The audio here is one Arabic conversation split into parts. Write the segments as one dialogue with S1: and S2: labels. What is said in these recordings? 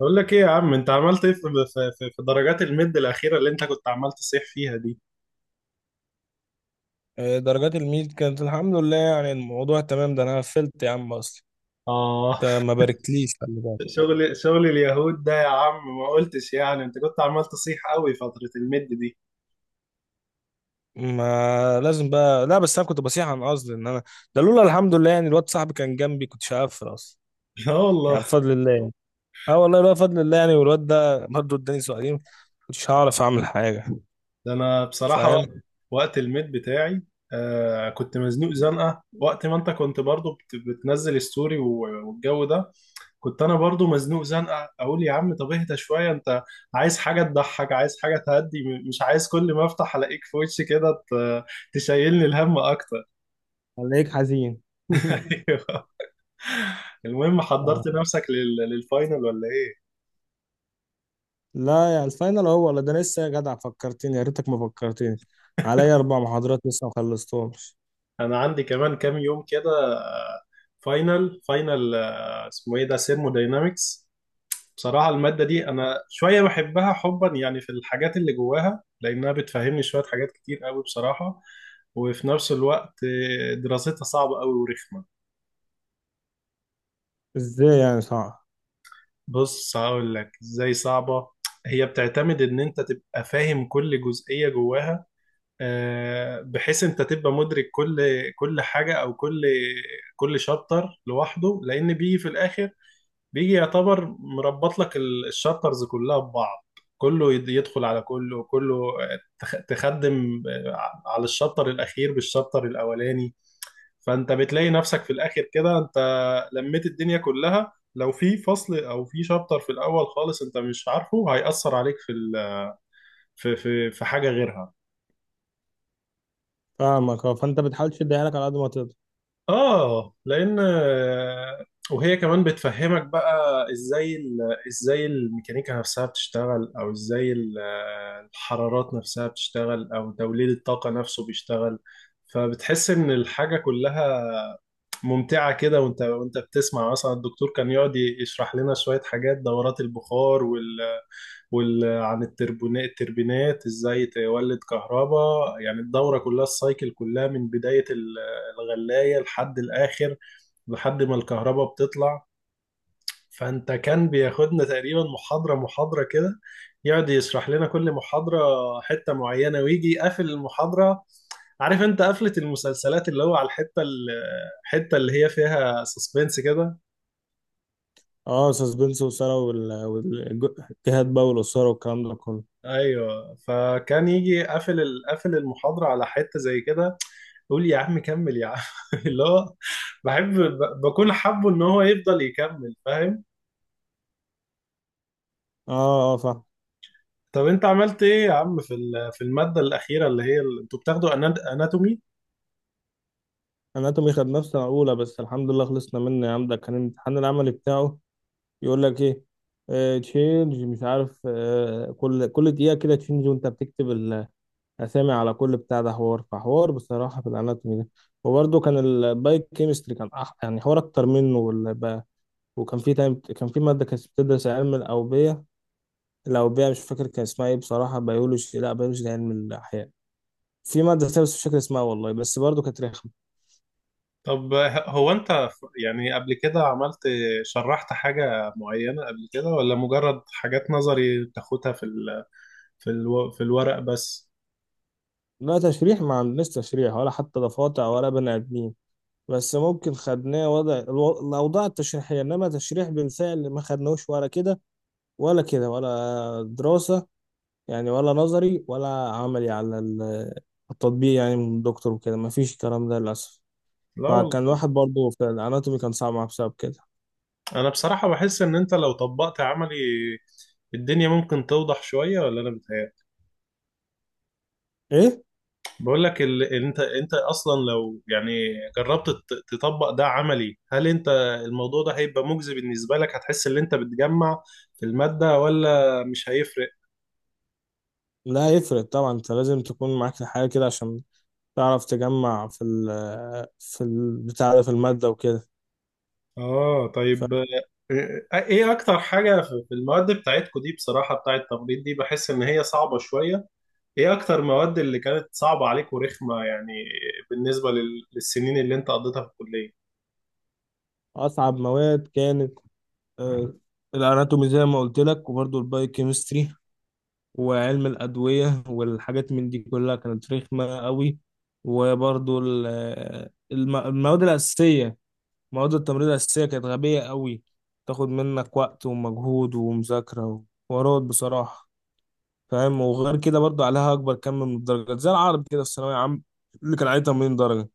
S1: بقول لك ايه يا عم، انت عملت ايه في في درجات المد الاخيره اللي انت كنت عمال تصيح فيها دي؟
S2: آه، درجات الميد كانت الحمد لله، يعني الموضوع تمام. ده انا قفلت يا عم اصلا.
S1: اه،
S2: انت ما باركتليش، خلي بالك.
S1: شغل اليهود ده يا عم، ما قلتش يعني، انت كنت عمال تصيح قوي فتره المد دي.
S2: ما لازم بقى. لا بس انا كنت بصيح عن قصدي ان انا ده لولا الحمد لله يعني الواد صاحبي كان جنبي كنت هقفل اصلا.
S1: لا
S2: يعني
S1: والله،
S2: بفضل الله يعني. اه والله لولا فضل الله يعني. والواد ده برضه اداني سؤالين كنتش هعرف اعمل حاجه.
S1: ده انا بصراحه وقت
S2: فاهم.
S1: وقت المد بتاعي كنت مزنوق زنقه وقت ما انت كنت برضو بتنزل ستوري والجو ده، كنت انا برضو مزنوق زنقه اقول يا عم طب اهدى شويه انت، عايز حاجه تضحك، عايز حاجه تهدي، مش عايز كل ما افتح الاقيك في وشي كده تشيلني الهم اكتر.
S2: خليك حزين.
S1: أيوه. المهم،
S2: آه.
S1: حضرت نفسك للفاينل ولا ايه؟
S2: لا يا الفاينل هو ولا، ده لسه يا جدع. فكرتني يا ريتك ما فكرتني. عليا اربع محاضرات لسه ما خلصتهمش.
S1: انا عندي كمان كام يوم كده. آه، فاينل فاينل، اسمه ايه ده، سيرموداينامكس. بصراحة المادة دي أنا شوية بحبها حبا، يعني في الحاجات اللي جواها، لأنها بتفهمني شوية حاجات كتير قوي بصراحة، وفي نفس الوقت دراستها صعبة قوي ورخمة.
S2: ازاي يعني صعب؟
S1: بص هقول لك إزاي صعبة. هي بتعتمد إن أنت تبقى فاهم كل جزئية جواها، بحيث أنت تبقى مدرك كل حاجة، أو كل شابتر لوحده، لأن بيجي في الآخر، بيجي يعتبر مربط لك الشابترز كلها ببعض، كله يدخل على كله، كله تخدم على الشابتر الأخير بالشابتر الأولاني. فأنت بتلاقي نفسك في الآخر كده أنت لميت الدنيا كلها، لو في فصل أو في شابتر في الأول خالص أنت مش عارفه هيأثر عليك في في حاجة غيرها.
S2: فاهمك، اه. فانت بتحاول تشدها لك على قد ما تقدر.
S1: اه لان وهي كمان بتفهمك بقى ازاي الميكانيكا نفسها بتشتغل، او ازاي الحرارات نفسها بتشتغل، او توليد الطاقة نفسه بيشتغل. فبتحس ان الحاجة كلها ممتعة كده، وانت بتسمع مثلا الدكتور كان يقعد يشرح لنا شوية حاجات دورات البخار عن التربونات، التربينات، ازاي تولد كهرباء. يعني الدورة كلها، السايكل كلها، من بداية الغلاية لحد الآخر، لحد ما الكهرباء بتطلع. فانت كان بياخدنا تقريبا محاضرة محاضرة كده، يقعد يشرح لنا كل محاضرة حتة معينة، ويجي يقفل المحاضرة. عارف انت قفلة المسلسلات، اللي هو على الحتة اللي هي فيها سسبنس كده.
S2: اه سسبنس وإثارة والجهاد بقى والإثارة والكلام ده كله.
S1: ايوه، فكان يجي قافل المحاضرة على حتة زي كده، يقول يا عم كمل يا عم. اللي هو بحب بكون حابه ان هو يفضل يكمل، فاهم.
S2: اه اه فاهم.
S1: طب انت عملت ايه يا عم في في المادة الأخيرة اللي هي انتوا بتاخدوا، اناتومي؟
S2: اناتومي خد نفسنا اولى، بس الحمد لله خلصنا منه يا عم. ده كان الامتحان العملي بتاعه يقول لك ايه، تشينج مش عارف كل دقيقة كده تشينج وانت بتكتب الأسامي على كل بتاع ده. حوار فحوار بصراحة في الاناتومي ده. وبرده كان البايو كيمستري كان يعني حوار اكتر منه وكان في تايم كان في مادة كانت بتدرس علم الأوبية لو بيها، مش فاكر كان اسمها ايه بصراحة. بيولوجي، لا بيولوجي ده علم الأحياء. في مادة تانية بس مش فاكر اسمها والله، بس برضه كانت رخمة.
S1: طب هو انت يعني قبل كده عملت، شرحت حاجة معينة قبل كده، ولا مجرد حاجات نظري بتاخدها في ال في الورق بس؟
S2: لا تشريح ما عندناش، تشريح ولا حتى ضفادع ولا بني آدمين. بس ممكن خدناه وضع الأوضاع التشريحية، إنما تشريح بالفعل ما خدناهوش ولا كده ولا كده ولا دراسة. يعني ولا نظري ولا عملي على التطبيق يعني من الدكتور وكده. ما فيش الكلام ده للأسف.
S1: لا
S2: فكان
S1: والله،
S2: واحد برضه في الأناتومي كان صعب معاه بسبب كده.
S1: انا بصراحة بحس ان انت لو طبقت عملي الدنيا ممكن توضح شوية، ولا انا بتهيألي؟
S2: إيه؟
S1: بقول لك انت، انت اصلا لو يعني جربت تطبق ده عملي، هل انت الموضوع ده هيبقى مجزي بالنسبة لك؟ هتحس ان انت بتجمع في المادة، ولا مش هيفرق؟
S2: لا يفرق طبعا. انت لازم تكون معاك حاجة كده عشان تعرف تجمع في البتاع ده في المادة وكده.
S1: اه طيب، ايه اكتر حاجة في في المواد بتاعتكو دي، بصراحة بتاعت التمريض دي، بحس ان هي صعبة شوية. ايه اكتر مواد اللي كانت صعبة عليك ورخمة يعني، بالنسبة للسنين اللي انت قضيتها في الكلية؟
S2: فأصعب مواد كانت آه، الأناتومي زي ما قلت لك، وبرضه البايوكيمستري وعلم الأدوية والحاجات من دي كلها كانت رخمة قوي. وبرضه المواد الأساسية، مواد التمريض الأساسية، كانت غبية قوي. تاخد منك وقت ومجهود ومذاكرة وحوارات بصراحة، فاهم. وغير كده برضو عليها اكبر كم من الدرجات، زي العربي كده في الثانويه عام اللي كان عليه 80 درجه.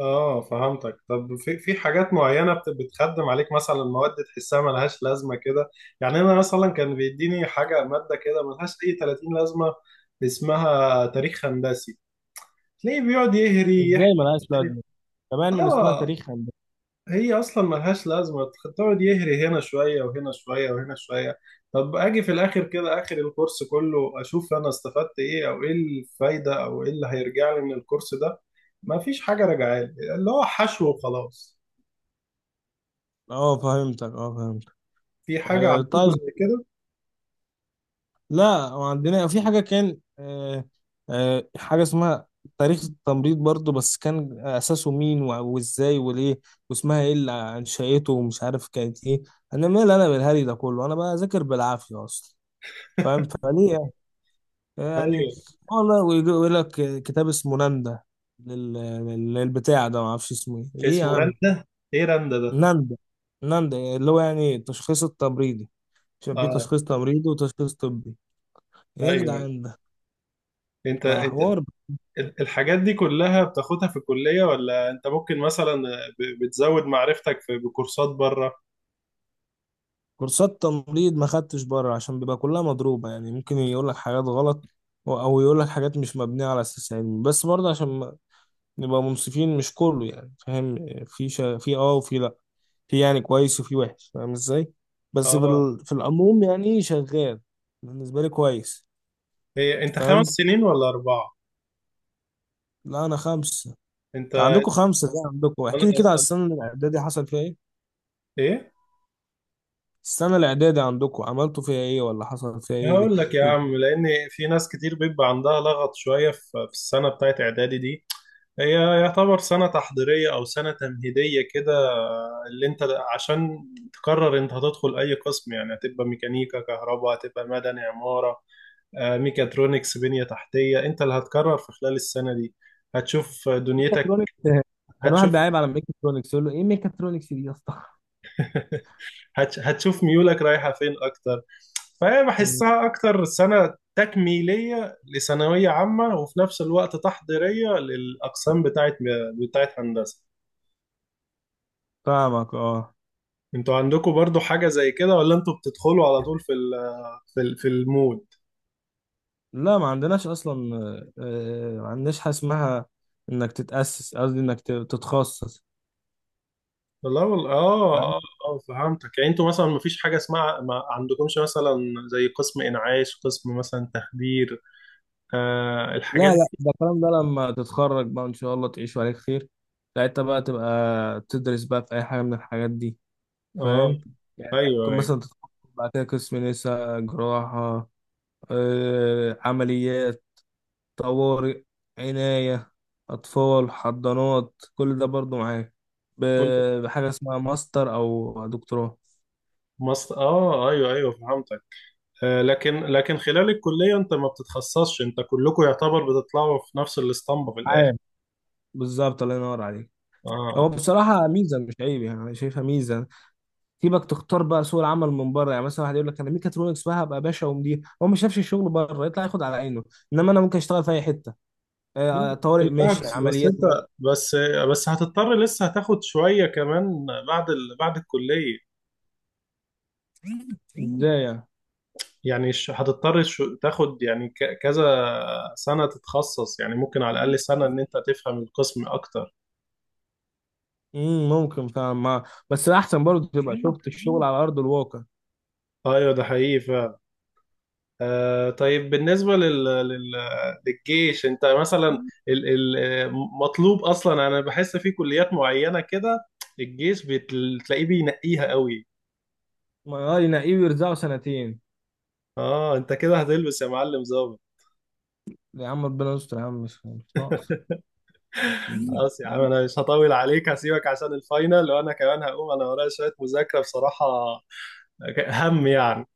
S1: اه فهمتك. طب في في حاجات معينة بتخدم عليك، مثلا مواد تحسها ملهاش لازمة كده؟ يعني أنا مثلا كان بيديني حاجة مادة كده ملهاش أي 30 لازمة، اسمها تاريخ هندسي، تلاقيه بيقعد يهري،
S2: ازاي
S1: يحكي
S2: ملهاش
S1: مش عارف.
S2: لازمه كمان من اسمها
S1: اه،
S2: تاريخ هندسه؟
S1: هي أصلا ملهاش لازمة، تقعد يهري هنا شوية وهنا شوية وهنا شوية. طب أجي في الآخر كده آخر الكورس كله أشوف أنا استفدت إيه، أو إيه الفايدة، أو إيه اللي هيرجع لي من الكورس ده؟ مفيش حاجة راجعالي، اللي هو حشو وخلاص.
S2: اه فهمتك، اه فهمت.
S1: في حاجة
S2: آه
S1: عندكم
S2: طيب.
S1: زي كده؟
S2: لا وعندنا في حاجه كان حاجه اسمها تاريخ التمريض برضو، بس كان اساسه مين وازاي وليه واسمها ايه اللي انشأته ومش عارف كانت ايه. انا مال انا بالهري ده كله؟ انا بذاكر بالعافيه اصلا، فاهم. فليه يعني؟
S1: ايوه،
S2: والله ويجي يقول لك كتاب اسمه ناندا لل... للبتاع ده ما اعرفش اسمه ايه ايه يا
S1: اسمه
S2: عم.
S1: رندا. ايه رندا ده؟
S2: ناندا، ناندا اللي هو يعني التشخيص التمريضي، عشان في
S1: اه،
S2: تشخيص تمريضي وتشخيص طبي. إيه يا
S1: ايوه.
S2: جدعان ده؟
S1: انت
S2: بقى
S1: انت
S2: حوار.
S1: الحاجات دي كلها بتاخدها في الكلية، ولا انت ممكن مثلا بتزود معرفتك في بكورسات بره؟
S2: كورسات تمريض ما خدتش بره عشان بيبقى كلها مضروبة، يعني ممكن يقول لك حاجات غلط او يقول لك حاجات مش مبنية على اساس علمي. بس برضه عشان نبقى منصفين مش كله، يعني فاهم، في اه وفي لا، في يعني كويس وفي وحش، فاهم ازاي. بس
S1: اه.
S2: في العموم يعني شغال، بالنسبة لي كويس.
S1: هي انت خمس
S2: فاهم.
S1: سنين ولا اربعة؟
S2: لا انا خمسة.
S1: انت.
S2: انت عندكم خمسة ده؟ عندكم
S1: انا،
S2: احكي لي كده على السنة الاعدادي حصل فيها ايه.
S1: ايه،
S2: السنة الاعدادي عندكم عملتوا فيها ايه ولا حصل فيها ايه دي؟
S1: هقول لك يا عم، لان في ناس كتير بيبقى عندها لغط شوية في في السنة بتاعت اعدادي دي. هي يعتبر سنة تحضيرية أو سنة تمهيدية كده، اللي أنت عشان تقرر أنت هتدخل أي قسم، يعني هتبقى ميكانيكا، كهرباء، هتبقى مدني، عمارة، ميكاترونكس، بنية تحتية، أنت اللي هتقرر في خلال السنة دي. هتشوف دنيتك،
S2: ميكاترونكس! كان واحد
S1: هتشوف.
S2: بيعيب على ميكاترونكس يقول له ايه ميكاترونكس دي يا اسطى.
S1: هتشوف ميولك رايحة فين أكتر. فهي
S2: مم.
S1: بحسها أكتر سنة تكميلية لثانوية عامة، وفي نفس الوقت تحضيرية للأقسام بتاعت هندسة.
S2: فاهمك، اه.
S1: انتوا عندكم برضو حاجة زي كده، ولا انتوا بتدخلوا على طول في ال في المود؟
S2: لا ما عندناش اصلا. ما عندناش حاجه اسمها انك تتاسس، قصدي انك تتخصص.
S1: والله والله
S2: لا،
S1: اه اه اه فهمتك. يعني انتوا مثلا مفيش حاجة اسمها، ما عندكمش مثلا زي قسم انعاش، قسم مثلا تخدير، آه الحاجات
S2: لا
S1: دي؟
S2: ده الكلام ده لما تتخرج بقى ان شاء الله تعيش عليك خير. ساعتها بقى تبقى تدرس بقى في اي حاجه من الحاجات دي،
S1: اه
S2: فاهم. يعني
S1: ايوه
S2: ممكن
S1: ايوه.
S2: مثلا تتخصص بعد كده قسم نساء، جراحه، عمليات، طوارئ، عنايه، اطفال، حضانات، كل ده برضو معاك
S1: كل
S2: بحاجه اسمها ماستر او دكتوراه.
S1: مصر اه ايوه ايوه فهمتك. آه، لكن خلال الكلية انت ما بتتخصصش، انت كلكم يعتبر بتطلعوا في نفس الاسطمبة في الاخر.
S2: بالظبط، الله ينور عليك.
S1: اه.
S2: هو بصراحة ميزة مش عيب، يعني أنا شايفها ميزة. سيبك تختار بقى، سوق العمل من بره يعني، مثلا واحد يقول لك أنا ميكاترونكس بقى هبقى باشا ومدير، هو ما شافش الشغل بره يطلع ياخد على عينه. إنما أنا ممكن أشتغل في أي حتة،
S1: لا
S2: طوارئ ماشي،
S1: بالعكس، بس
S2: عمليات
S1: انت،
S2: ماشي.
S1: بس بس هتضطر لسه هتاخد شوية كمان بعد بعد الكلية.
S2: إزاي يعني؟
S1: يعني هتضطر شو تاخد يعني ك كذا سنة تتخصص، يعني ممكن على الأقل سنة إن أنت تفهم القسم أكتر.
S2: ممكن فعلا ما، بس أحسن برضه تبقى شفت الشغل على أرض الواقع.
S1: أيوه، ده حقيقي فعلا. طيب، بالنسبة للجيش، أنت مثلا ال... ال... مطلوب أصلا؟ أنا بحس في كليات معينة كده الجيش بتلاقيه بينقيها قوي.
S2: ما ينقيه ويرزقه سنتين.
S1: اه، انت كده هتلبس يا معلم ظابط.
S2: يا عم ربنا يستر يا عم، مش ناقص.
S1: خلاص يا عم، انا مش هطول عليك، هسيبك عشان الفاينل، وانا كمان هقوم، انا ورايا شوية مذاكرة بصراحة، هم يعني.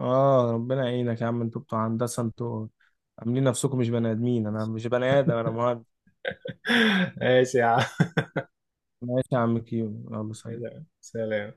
S2: آه ربنا يعينك يا عم. أنتوا بتوع هندسة أنتوا عاملين نفسكم مش بني آدمين. أنا مش بني آدم، أنا مهندس.
S1: ماشي يا عم.
S2: ماشي يا عم كيو. يلا سلام.
S1: سلام.